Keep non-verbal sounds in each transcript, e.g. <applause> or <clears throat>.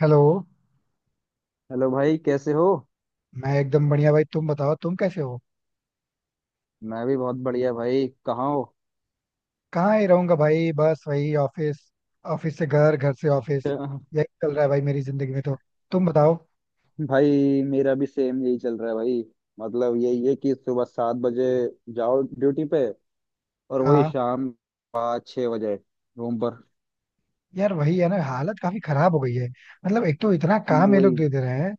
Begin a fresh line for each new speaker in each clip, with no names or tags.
Hello.
Hello भाई, कैसे हो?
मैं एकदम बढ़िया भाई। तुम बताओ, तुम कैसे हो?
मैं भी बहुत बढ़िया भाई। कहाँ हो?
कहाँ ही रहूंगा भाई, बस वही ऑफिस। ऑफिस से घर, घर से ऑफिस।
अच्छा।
यही चल रहा है भाई मेरी जिंदगी में तो। तुम बताओ।
भाई मेरा भी सेम यही चल रहा है भाई। मतलब यही है कि सुबह 7 बजे जाओ ड्यूटी पे। और वही
हाँ।
शाम 5-6 बजे रूम पर।
यार वही है ना, हालत काफी खराब हो गई है। मतलब एक तो इतना काम ये लोग
वही।
दे दे रहे हैं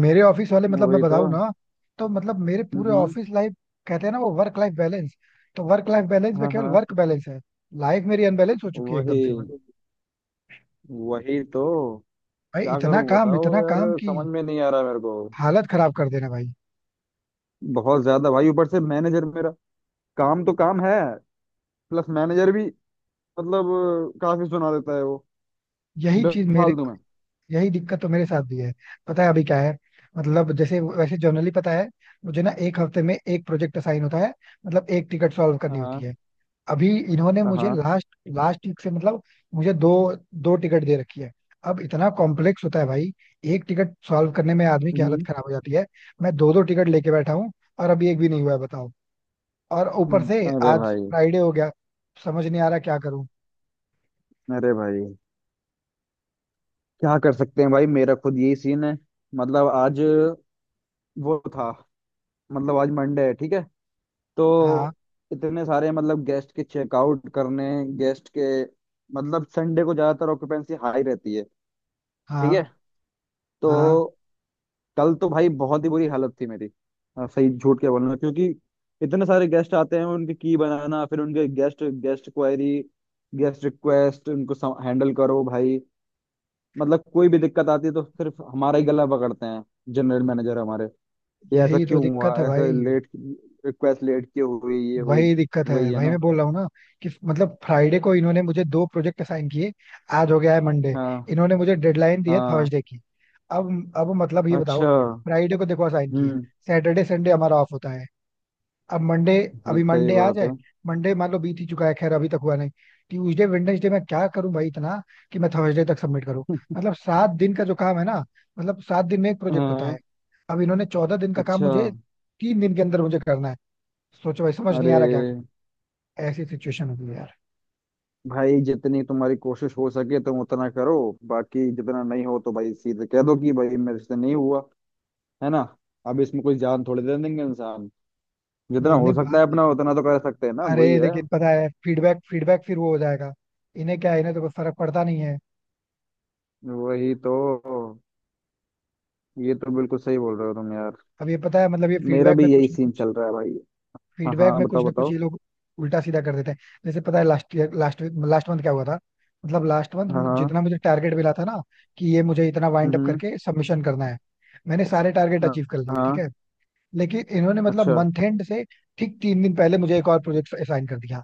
मेरे ऑफिस वाले। मतलब मैं
वही तो।
बताऊँ ना, तो मतलब मेरे पूरे
हम्म।
ऑफिस लाइफ, कहते हैं ना वो वर्क लाइफ बैलेंस, तो वर्क लाइफ बैलेंस में
हाँ
केवल
हाँ।
वर्क बैलेंस है। लाइफ मेरी अनबैलेंस हो चुकी है
वही।
एकदम से भाई।
वही तो। क्या
इतना
करूं
काम,
बताओ
इतना
यार,
काम की
समझ में नहीं आ रहा मेरे को।
हालत खराब कर देना भाई।
बहुत ज्यादा भाई, ऊपर से मैनेजर मेरा। काम तो काम है, प्लस मैनेजर भी। मतलब काफी सुना देता है वो
यही चीज मेरे,
बेफालतू में।
यही दिक्कत तो मेरे साथ भी है। पता है अभी क्या है, मतलब जैसे वैसे जनरली पता है मुझे ना, एक हफ्ते में एक प्रोजेक्ट असाइन होता है। मतलब एक टिकट सॉल्व करनी होती
हाँ
है। अभी इन्होंने मुझे
हाँ।
लास्ट लास्ट वीक से मतलब मुझे दो, दो टिकट दे रखी है। अब इतना कॉम्प्लेक्स होता है भाई, एक टिकट सॉल्व करने में आदमी की हालत
हम्म,
खराब हो जाती है। मैं दो दो टिकट लेके बैठा हूँ और अभी एक भी नहीं हुआ है बताओ। और ऊपर से
हम्म। अरे
आज
भाई।
फ्राइडे हो गया। समझ नहीं आ रहा क्या करूँ।
अरे भाई क्या कर सकते हैं भाई, मेरा खुद यही सीन है। मतलब आज वो था। मतलब आज मंडे है, ठीक है?
हाँ।
तो इतने सारे मतलब गेस्ट के चेकआउट करने, गेस्ट के। मतलब संडे को ज्यादातर ऑक्यूपेंसी हाई रहती है। ठीक है।
हाँ। हाँ।
तो कल तो भाई बहुत ही बुरी हालत थी मेरी। हाँ, सही झूठ के बोलना क्योंकि इतने सारे गेस्ट आते हैं, उनकी की बनाना, फिर उनके guest guest query, guest request उनको हैंडल करो भाई। मतलब कोई भी दिक्कत आती है तो सिर्फ हमारा ही गला पकड़ते हैं जनरल मैनेजर हमारे। ये ऐसा
यही तो
क्यों
दिक्कत
हुआ,
है
ऐसा
भाई।
लेट रिक्वेस्ट लेट क्यों हुई, ये हुई।
वही दिक्कत है,
वही है
वही मैं
ना।
बोल रहा हूँ ना, कि मतलब फ्राइडे को इन्होंने मुझे दो प्रोजेक्ट असाइन किए। आज हो गया है मंडे।
हाँ
इन्होंने मुझे डेडलाइन दी है
हाँ।
थर्सडे की। अब मतलब ये बताओ,
अच्छा।
फ्राइडे को देखो असाइन किए।
हम्म।
सैटरडे संडे हमारा ऑफ होता है। अब मंडे,
जी,
अभी
सही
मंडे आज
बात है।
है। मंडे मान लो बीत ही चुका है, खैर अभी तक हुआ नहीं। ट्यूजडे वेडनेसडे, मैं क्या करूं भाई इतना, कि मैं थर्सडे तक सबमिट करूं। मतलब 7 दिन का जो काम है ना, मतलब 7 दिन में एक प्रोजेक्ट होता
हाँ।
है, अब इन्होंने 14 दिन का काम
अच्छा।
मुझे 3 दिन के अंदर मुझे करना है। सोचो भाई, समझ नहीं
अरे
आ रहा क्या ऐसी सिचुएशन होगी यार।
भाई जितनी तुम्हारी कोशिश हो सके तुम उतना करो। बाकी जितना नहीं हो तो भाई सीधे कह दो कि भाई मेरे से नहीं हुआ। है ना? अब इसमें कोई जान थोड़ी दे देंगे इंसान।
मतलब
जितना
इतनी
हो सकता है
बात है।
अपना उतना तो कर सकते हैं ना, वही
अरे
है।
लेकिन पता है, फीडबैक फीडबैक फिर वो हो जाएगा। इन्हें क्या है, इन्हें तो कोई फर्क पड़ता नहीं है।
वही तो। ये तो बिल्कुल सही बोल रहे हो तुम यार।
अब ये पता है, मतलब ये
मेरा
फीडबैक
भी
में
यही
कुछ ना
सीन
कुछ,
चल रहा है भाई। हाँ
फीडबैक
हाँ,
में कुछ
बताओ
ना कुछ
बताओ।
ये लोग उल्टा सीधा कर देते हैं। जैसे पता है last year, last last month क्या हुआ था। मतलब लास्ट
हाँ
मंथ
हाँ।
जितना मुझे टारगेट मिला था ना, कि ये मुझे इतना वाइंड अप
हम्म।
करके सबमिशन करना है। मैंने सारे टारगेट
हाँ
अचीव कर लिए
हाँ।
ठीक है। लेकिन इन्होंने मतलब
अच्छा
मंथ एंड से ठीक 3 दिन पहले मुझे एक और प्रोजेक्ट असाइन कर दिया।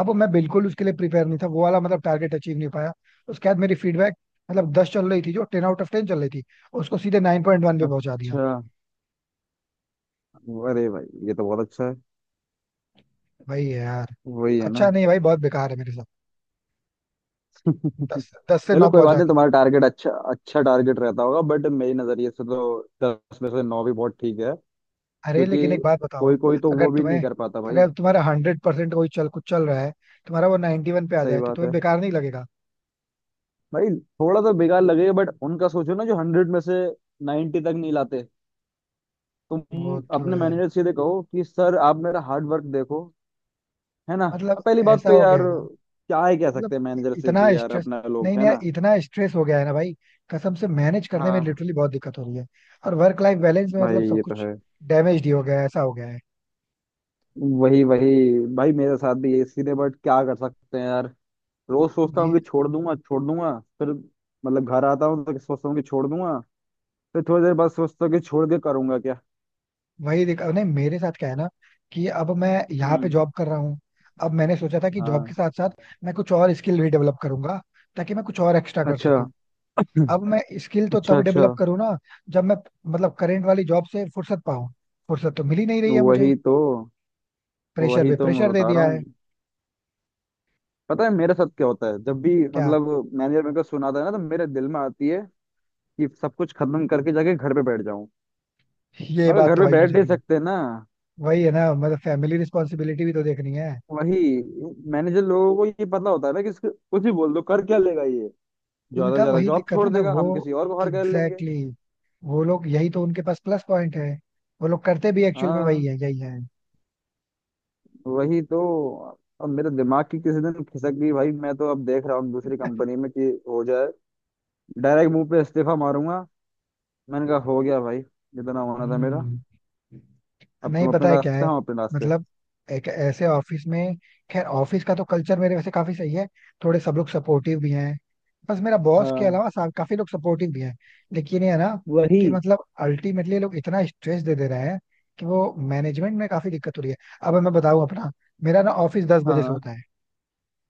अब मैं बिल्कुल उसके लिए प्रिपेयर नहीं था, वो वाला मतलब टारगेट अचीव नहीं पाया। उसके बाद मेरी फीडबैक, मतलब दस चल रही थी, जो टेन आउट ऑफ टेन चल रही थी, उसको सीधे 9.1 पे पहुंचा दिया।
अच्छा। अरे भाई ये तो बहुत अच्छा है।
भाई यार,
वही है ना।
अच्छा नहीं भाई, बहुत बेकार है मेरे साथ।
<laughs>
दस दस से
चलो
नौ
कोई बात
पहुंचा
नहीं,
दिया।
तुम्हारा टारगेट अच्छा अच्छा टारगेट रहता होगा, बट मेरी नजरिए से तो 10 में से 9 भी बहुत ठीक है।
अरे
क्योंकि
लेकिन एक बात बताओ,
कोई कोई तो
अगर
वो भी
तुम्हें,
नहीं कर पाता भाई।
अगर तुम्हारा 100% कोई चल, कुछ चल रहा है, तुम्हारा वो 91 पे आ
सही
जाए, तो
बात
तुम्हें
है
बेकार नहीं लगेगा?
भाई। थोड़ा तो बेकार लगेगा बट उनका सोचो ना जो 100 में से 90 तक नहीं लाते। तुम
वो तो
अपने
है।
मैनेजर से सीधे कहो कि सर आप मेरा हार्ड वर्क देखो। है ना?
मतलब
अब पहली बात
ऐसा
तो
हो गया
यार
है ना,
क्या ही कह
मतलब
सकते हैं मैनेजर से
इतना
भी यार,
स्ट्रेस,
अपना
नहीं
लोग है
नहीं यार
ना।
इतना स्ट्रेस हो गया है ना भाई, कसम से मैनेज करने में
हाँ,
लिटरली बहुत दिक्कत हो रही है। और वर्क लाइफ बैलेंस में
भाई
मतलब सब
ये तो
कुछ
है।
डैमेज ही हो गया है, ऐसा हो गया है।
वही वही। भाई मेरे साथ भी यही सीन है, बट क्या कर सकते हैं यार। रोज सोचता हूँ
मैं,
कि छोड़ दूंगा छोड़ दूंगा, फिर मतलब घर आता हूँ तो सोचता हूँ कि छोड़ दूंगा, फिर थोड़ी देर बाद सोचता हूँ कि छोड़ के करूंगा क्या।
वही दिक्कत नहीं मेरे साथ क्या है ना, कि अब मैं यहाँ पे
हम्म।
जॉब कर रहा हूँ। अब मैंने सोचा था कि जॉब के
हाँ।
साथ साथ मैं कुछ और स्किल भी डेवलप करूंगा, ताकि मैं कुछ और एक्स्ट्रा कर
अच्छा।
सकूं।
<clears throat>
अब मैं स्किल तो
अच्छा
तब
अच्छा।
डेवलप करूँ ना, जब मैं मतलब करेंट वाली जॉब से फुर्सत पाऊं। फुर्सत तो मिल ही नहीं रही है मुझे,
वही तो।
प्रेशर
वही
पे
तो मैं
प्रेशर दे
बता रहा
दिया है।
हूँ। पता है मेरे साथ क्या होता है जब भी
क्या?
मतलब मैनेजर मेरे को सुनाता है ना, तो मेरे दिल में आती है कि सब कुछ खत्म करके जाके घर पे बैठ जाऊं।
ये
मगर
बात
घर
तो
पे
भाई
बैठ
मुझे
नहीं
भी,
सकते ना।
वही है ना, मतलब फैमिली रिस्पॉन्सिबिलिटी भी तो देखनी है।
वही। मैनेजर लोगों को ये पता होता है ना कि इसको कुछ भी बोल दो, कर क्या लेगा ये। ज्यादा से
उनका
ज्यादा
वही
जॉब
दिक्कत
छोड़
है ना
देगा,
वो।
हम किसी और को हायर कर लेंगे।
एग्जैक्टली वो लोग यही तो उनके पास प्लस पॉइंट है। वो लोग करते भी एक्चुअल में वही
हाँ।
है, यही है।
वही तो। अब मेरे दिमाग की किसी दिन खिसक गई भाई, मैं तो अब देख रहा हूँ दूसरी कंपनी में कि हो जाए। डायरेक्ट मुंह पे इस्तीफा मारूंगा। मैंने कहा हो गया भाई, जितना होना था मेरा।
हम्म।
अब
नहीं,
तुम अपने
पता है क्या
रास्ते,
है,
हम अपने रास्ते।
मतलब एक ऐसे ऑफिस में, खैर ऑफिस का तो कल्चर मेरे वैसे काफी सही है। थोड़े सब लोग सपोर्टिव भी हैं, बस मेरा बॉस के
हाँ।
अलावा काफी लोग सपोर्टिव भी हैं। लेकिन ये है ना,
वही।
कि मतलब अल्टीमेटली लोग इतना स्ट्रेस दे दे रहे हैं कि वो मैनेजमेंट में काफी दिक्कत हो रही है। अब मैं बताऊं अपना, मेरा ना ऑफिस दस
हाँ
बजे से
हाँ,
होता है,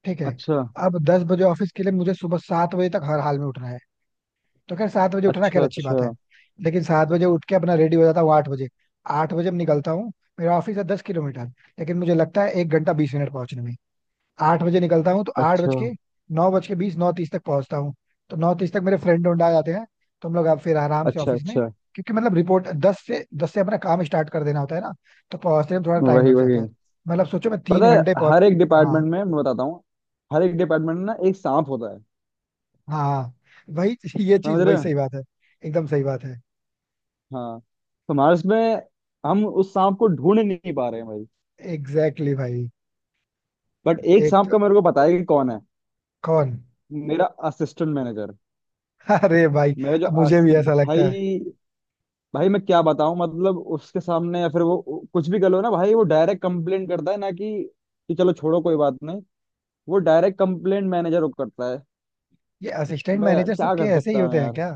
ठीक है।
अच्छा।
अब 10 बजे ऑफिस के लिए मुझे सुबह 7 बजे तक हर हाल में उठना है। तो खैर 7 बजे उठना खैर
अच्छा।
अच्छी बात
अच्छा
है। लेकिन 7 बजे उठ के अपना रेडी हो जाता हूँ 8 बजे, आठ बजे मैं निकलता हूँ। मेरा ऑफिस है 10 किलोमीटर, लेकिन मुझे लगता है 1 घंटा 20 मिनट पहुंचने में। आठ बजे निकलता हूँ तो आठ
अच्छा।
बज के, 9 बजकर 20, 9:30 तक पहुंचता हूँ। तो 9:30 तक मेरे फ्रेंड उन्ड आ जाते हैं, तो हम लोग अब फिर आराम से
अच्छा
ऑफिस में,
अच्छा।
क्योंकि मतलब रिपोर्ट दस से अपना काम स्टार्ट कर देना होता है ना। तो पहुंचते में थोड़ा टाइम
वही
लग
वही।
जाता है। मतलब सोचो मैं
पता
3 घंटे
है
पहुंच।
हर एक
हाँ।
डिपार्टमेंट में मैं बताता हूँ, हर एक डिपार्टमेंट में ना एक सांप होता है।
हाँ। हाँ। वही, ये चीज
समझ रहे
वही
हो?
सही बात है, एकदम सही बात है।
हाँ तो हमारे इसमें, हम उस सांप को ढूंढ नहीं पा रहे हैं भाई।
एग्जैक्टली भाई।
बट एक
एक
सांप
तो,
का मेरे को पता है कि कौन है।
कौन?
मेरा असिस्टेंट मैनेजर।
<laughs> अरे भाई,
मेरा जो
अब मुझे
अस...
भी ऐसा लगता है।
भाई भाई मैं क्या बताऊं मतलब उसके सामने या फिर वो कुछ भी कर लो ना भाई, वो डायरेक्ट कंप्लेंट करता है ना कि चलो छोड़ो कोई बात नहीं, वो डायरेक्ट कंप्लेंट मैनेजर को करता है।
ये असिस्टेंट
मैं
मैनेजर
क्या
सबके
कर
ऐसे ही
सकता हूँ
होते हैं
यार।
क्या?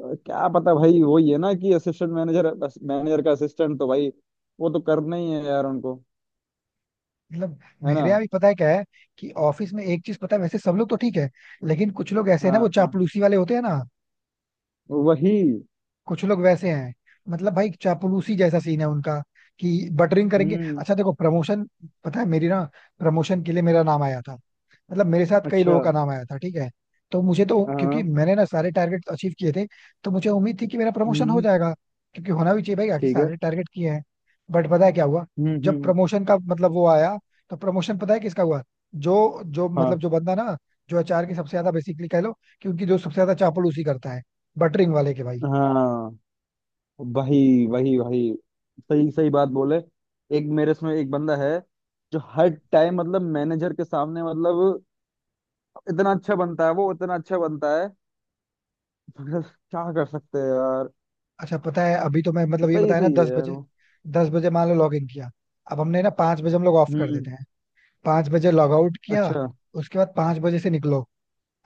क्या पता भाई, वही है ना कि असिस्टेंट मैनेजर, मैनेजर का असिस्टेंट तो भाई वो तो करना ही है यार उनको।
मतलब
है ना?
मेरे यहाँ भी पता है क्या है, कि ऑफिस में एक चीज पता है, वैसे सब लोग तो ठीक है, लेकिन कुछ लोग ऐसे हैं ना, वो
हाँ हाँ,
चापलूसी वाले होते हैं ना।
वही।
कुछ लोग वैसे हैं, मतलब भाई चापलूसी जैसा सीन है उनका, कि बटरिंग करेंगे।
हम्म।
अच्छा देखो प्रमोशन, पता है मेरी ना प्रमोशन के लिए मेरा नाम आया था, मतलब मेरे साथ कई
अच्छा।
लोगों का नाम आया था ठीक है। तो मुझे तो, क्योंकि
हाँ।
मैंने ना सारे टारगेट अचीव किए थे, तो मुझे उम्मीद थी कि मेरा प्रमोशन हो
हम्म।
जाएगा। क्योंकि होना भी चाहिए भाई, आखिर
ठीक है।
सारे टारगेट किए हैं। बट पता है क्या हुआ, जब
हम्म।
प्रमोशन का मतलब वो आया, तो प्रमोशन पता है किसका हुआ, जो जो
हाँ
मतलब जो बंदा ना, जो अचार की सबसे ज्यादा बेसिकली कह लो, कि उनकी जो सबसे ज्यादा चापल उसी करता है, बटरिंग वाले के भाई।
हाँ। वही वही वही। सही सही बात बोले। एक मेरे इसमें एक बंदा है जो हर टाइम मतलब मैनेजर के सामने मतलब इतना अच्छा बनता है, वो इतना अच्छा बनता है। मगर क्या कर सकते हैं यार।
अच्छा पता है अभी तो मैं मतलब ये
सही
बताया ना,
सही
दस
है यार
बजे,
वो।
दस बजे मान लो लॉग इन किया। अब हमने ना 5 बजे हम लोग ऑफ कर
हम्म।
देते हैं, 5 बजे लॉग आउट किया।
अच्छा
उसके बाद 5 बजे से निकलो,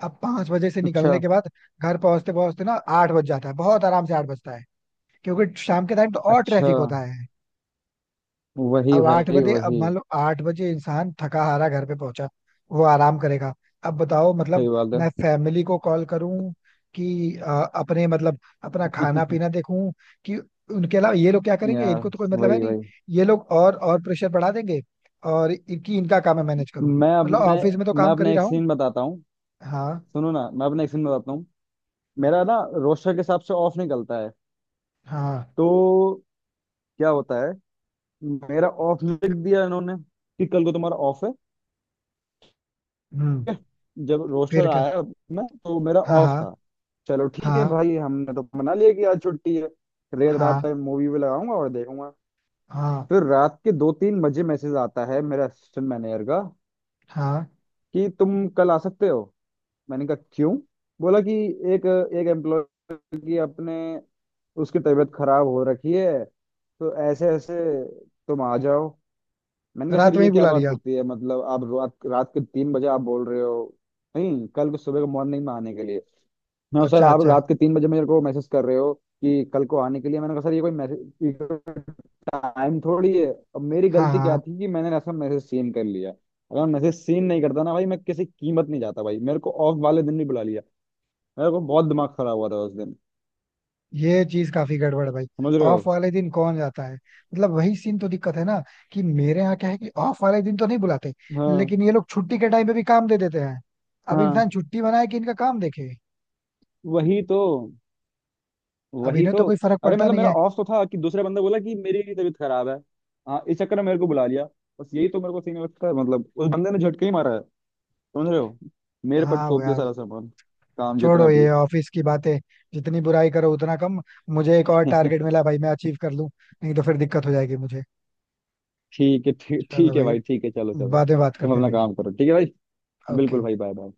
अब 5 बजे से
अच्छा।
निकलने के बाद घर पहुंचते पहुंचते ना 8 बज जाता है, बहुत आराम से 8 बजता है, क्योंकि शाम के टाइम तो और
अच्छा।
ट्रैफिक होता है।
वही
अब आठ
भाई
बजे अब
वही।
मान लो 8 बजे इंसान थका हारा घर पे पहुंचा, वो आराम करेगा। अब बताओ,
सही
मतलब
बात है।
मैं फैमिली को कॉल करूं, कि अपने मतलब अपना खाना पीना
<laughs>
देखूं, कि उनके अलावा ये लोग क्या करेंगे, इनको
यार।
तो कोई मतलब है
वही
नहीं।
वही।
ये लोग और प्रेशर बढ़ा देंगे, और इनकी इनका काम है मैनेज करूं,
मैं
मतलब
अपने।
ऑफिस में तो
मैं
काम कर ही
अपने एक
रहा हूँ।
सीन बताता हूँ।
हाँ।
सुनो ना, मैं अपने एक सीन बताता हूँ। मेरा ना रोस्टर के हिसाब से ऑफ निकलता है।
हाँ।
तो क्या होता है, मेरा ऑफ लिख दिया इन्होंने कि कल को तुम्हारा ऑफ है।
हम्म।
जब रोस्टर
फिर क्या?
आया मैं तो मेरा
हाँ।
ऑफ
हाँ।
था। चलो ठीक है
हाँ।
भाई, हमने तो मना लिया कि आज छुट्टी है, रेत रात
हाँ।
तक मूवी भी लगाऊंगा और देखूंगा।
हाँ।
फिर रात के 2-3 बजे मैसेज आता है मेरे असिस्टेंट मैनेजर का
हाँ।
कि तुम कल आ सकते हो। मैंने कहा क्यों? बोला कि एक एक एम्प्लॉय की अपने उसकी तबीयत खराब हो रखी है, तो ऐसे ऐसे तुम आ जाओ। मैंने कहा सर
रात में ही
ये क्या
बुला
बात
लिया?
होती है, मतलब आप रात रात के 3 बजे आप बोल रहे हो। नहीं कल को सुबह को मॉर्निंग में आने के लिए। मैं सर
अच्छा
आप
अच्छा।
रात के 3 बजे मेरे को मैसेज कर रहे हो कि कल को आने के लिए, मैंने कहा सर ये कोई मैसेज टाइम थोड़ी है। अब मेरी
हाँ।
गलती क्या
हाँ।
थी कि मैंने ऐसा मैसेज सीन कर लिया, अगर मैं मैसेज सीन नहीं करता ना भाई मैं किसी कीमत नहीं जाता भाई, मेरे को ऑफ वाले दिन भी बुला लिया। मेरे को बहुत दिमाग खराब हुआ था उस दिन।
ये चीज काफी गड़बड़ है भाई।
समझ रहे
ऑफ
हो?
वाले दिन कौन जाता है? मतलब वही सीन तो दिक्कत है ना, कि मेरे यहाँ क्या है, कि ऑफ वाले दिन तो नहीं बुलाते,
हाँ
लेकिन ये लोग छुट्टी के टाइम पे भी काम दे देते हैं। अब
हाँ।
इंसान छुट्टी बनाए कि इनका काम देखे।
वही तो।
अब
वही
इन्हें तो
तो।
कोई फर्क
अरे
पड़ता
मतलब
नहीं
मेरा
है।
ऑफ तो था कि दूसरा बंदा बोला कि मेरी भी तबीयत खराब है। हाँ इस चक्कर में मेरे को बुला लिया। बस यही तो मेरे को सीन लगता है मतलब उस बंदे ने झटके ही मारा है। समझ रहे हो? मेरे पर
हाँ वो
थोप दिया
यार,
सारा सामान, काम
छोड़ो
जितना भी
ये ऑफिस की बातें, जितनी बुराई करो उतना कम। मुझे एक और
है।
टारगेट मिला भाई, मैं अचीव कर लूं, नहीं तो फिर दिक्कत हो जाएगी मुझे।
<laughs> ठीक है, ठीक
चलो
ठीक है
भाई,
भाई, ठीक है। चलो चलो।
बाद में बात
तुम
करते हैं
अपना
भाई।
काम करो ठीक है भाई। बिल्कुल
ओके।
भाई, बाय बाय।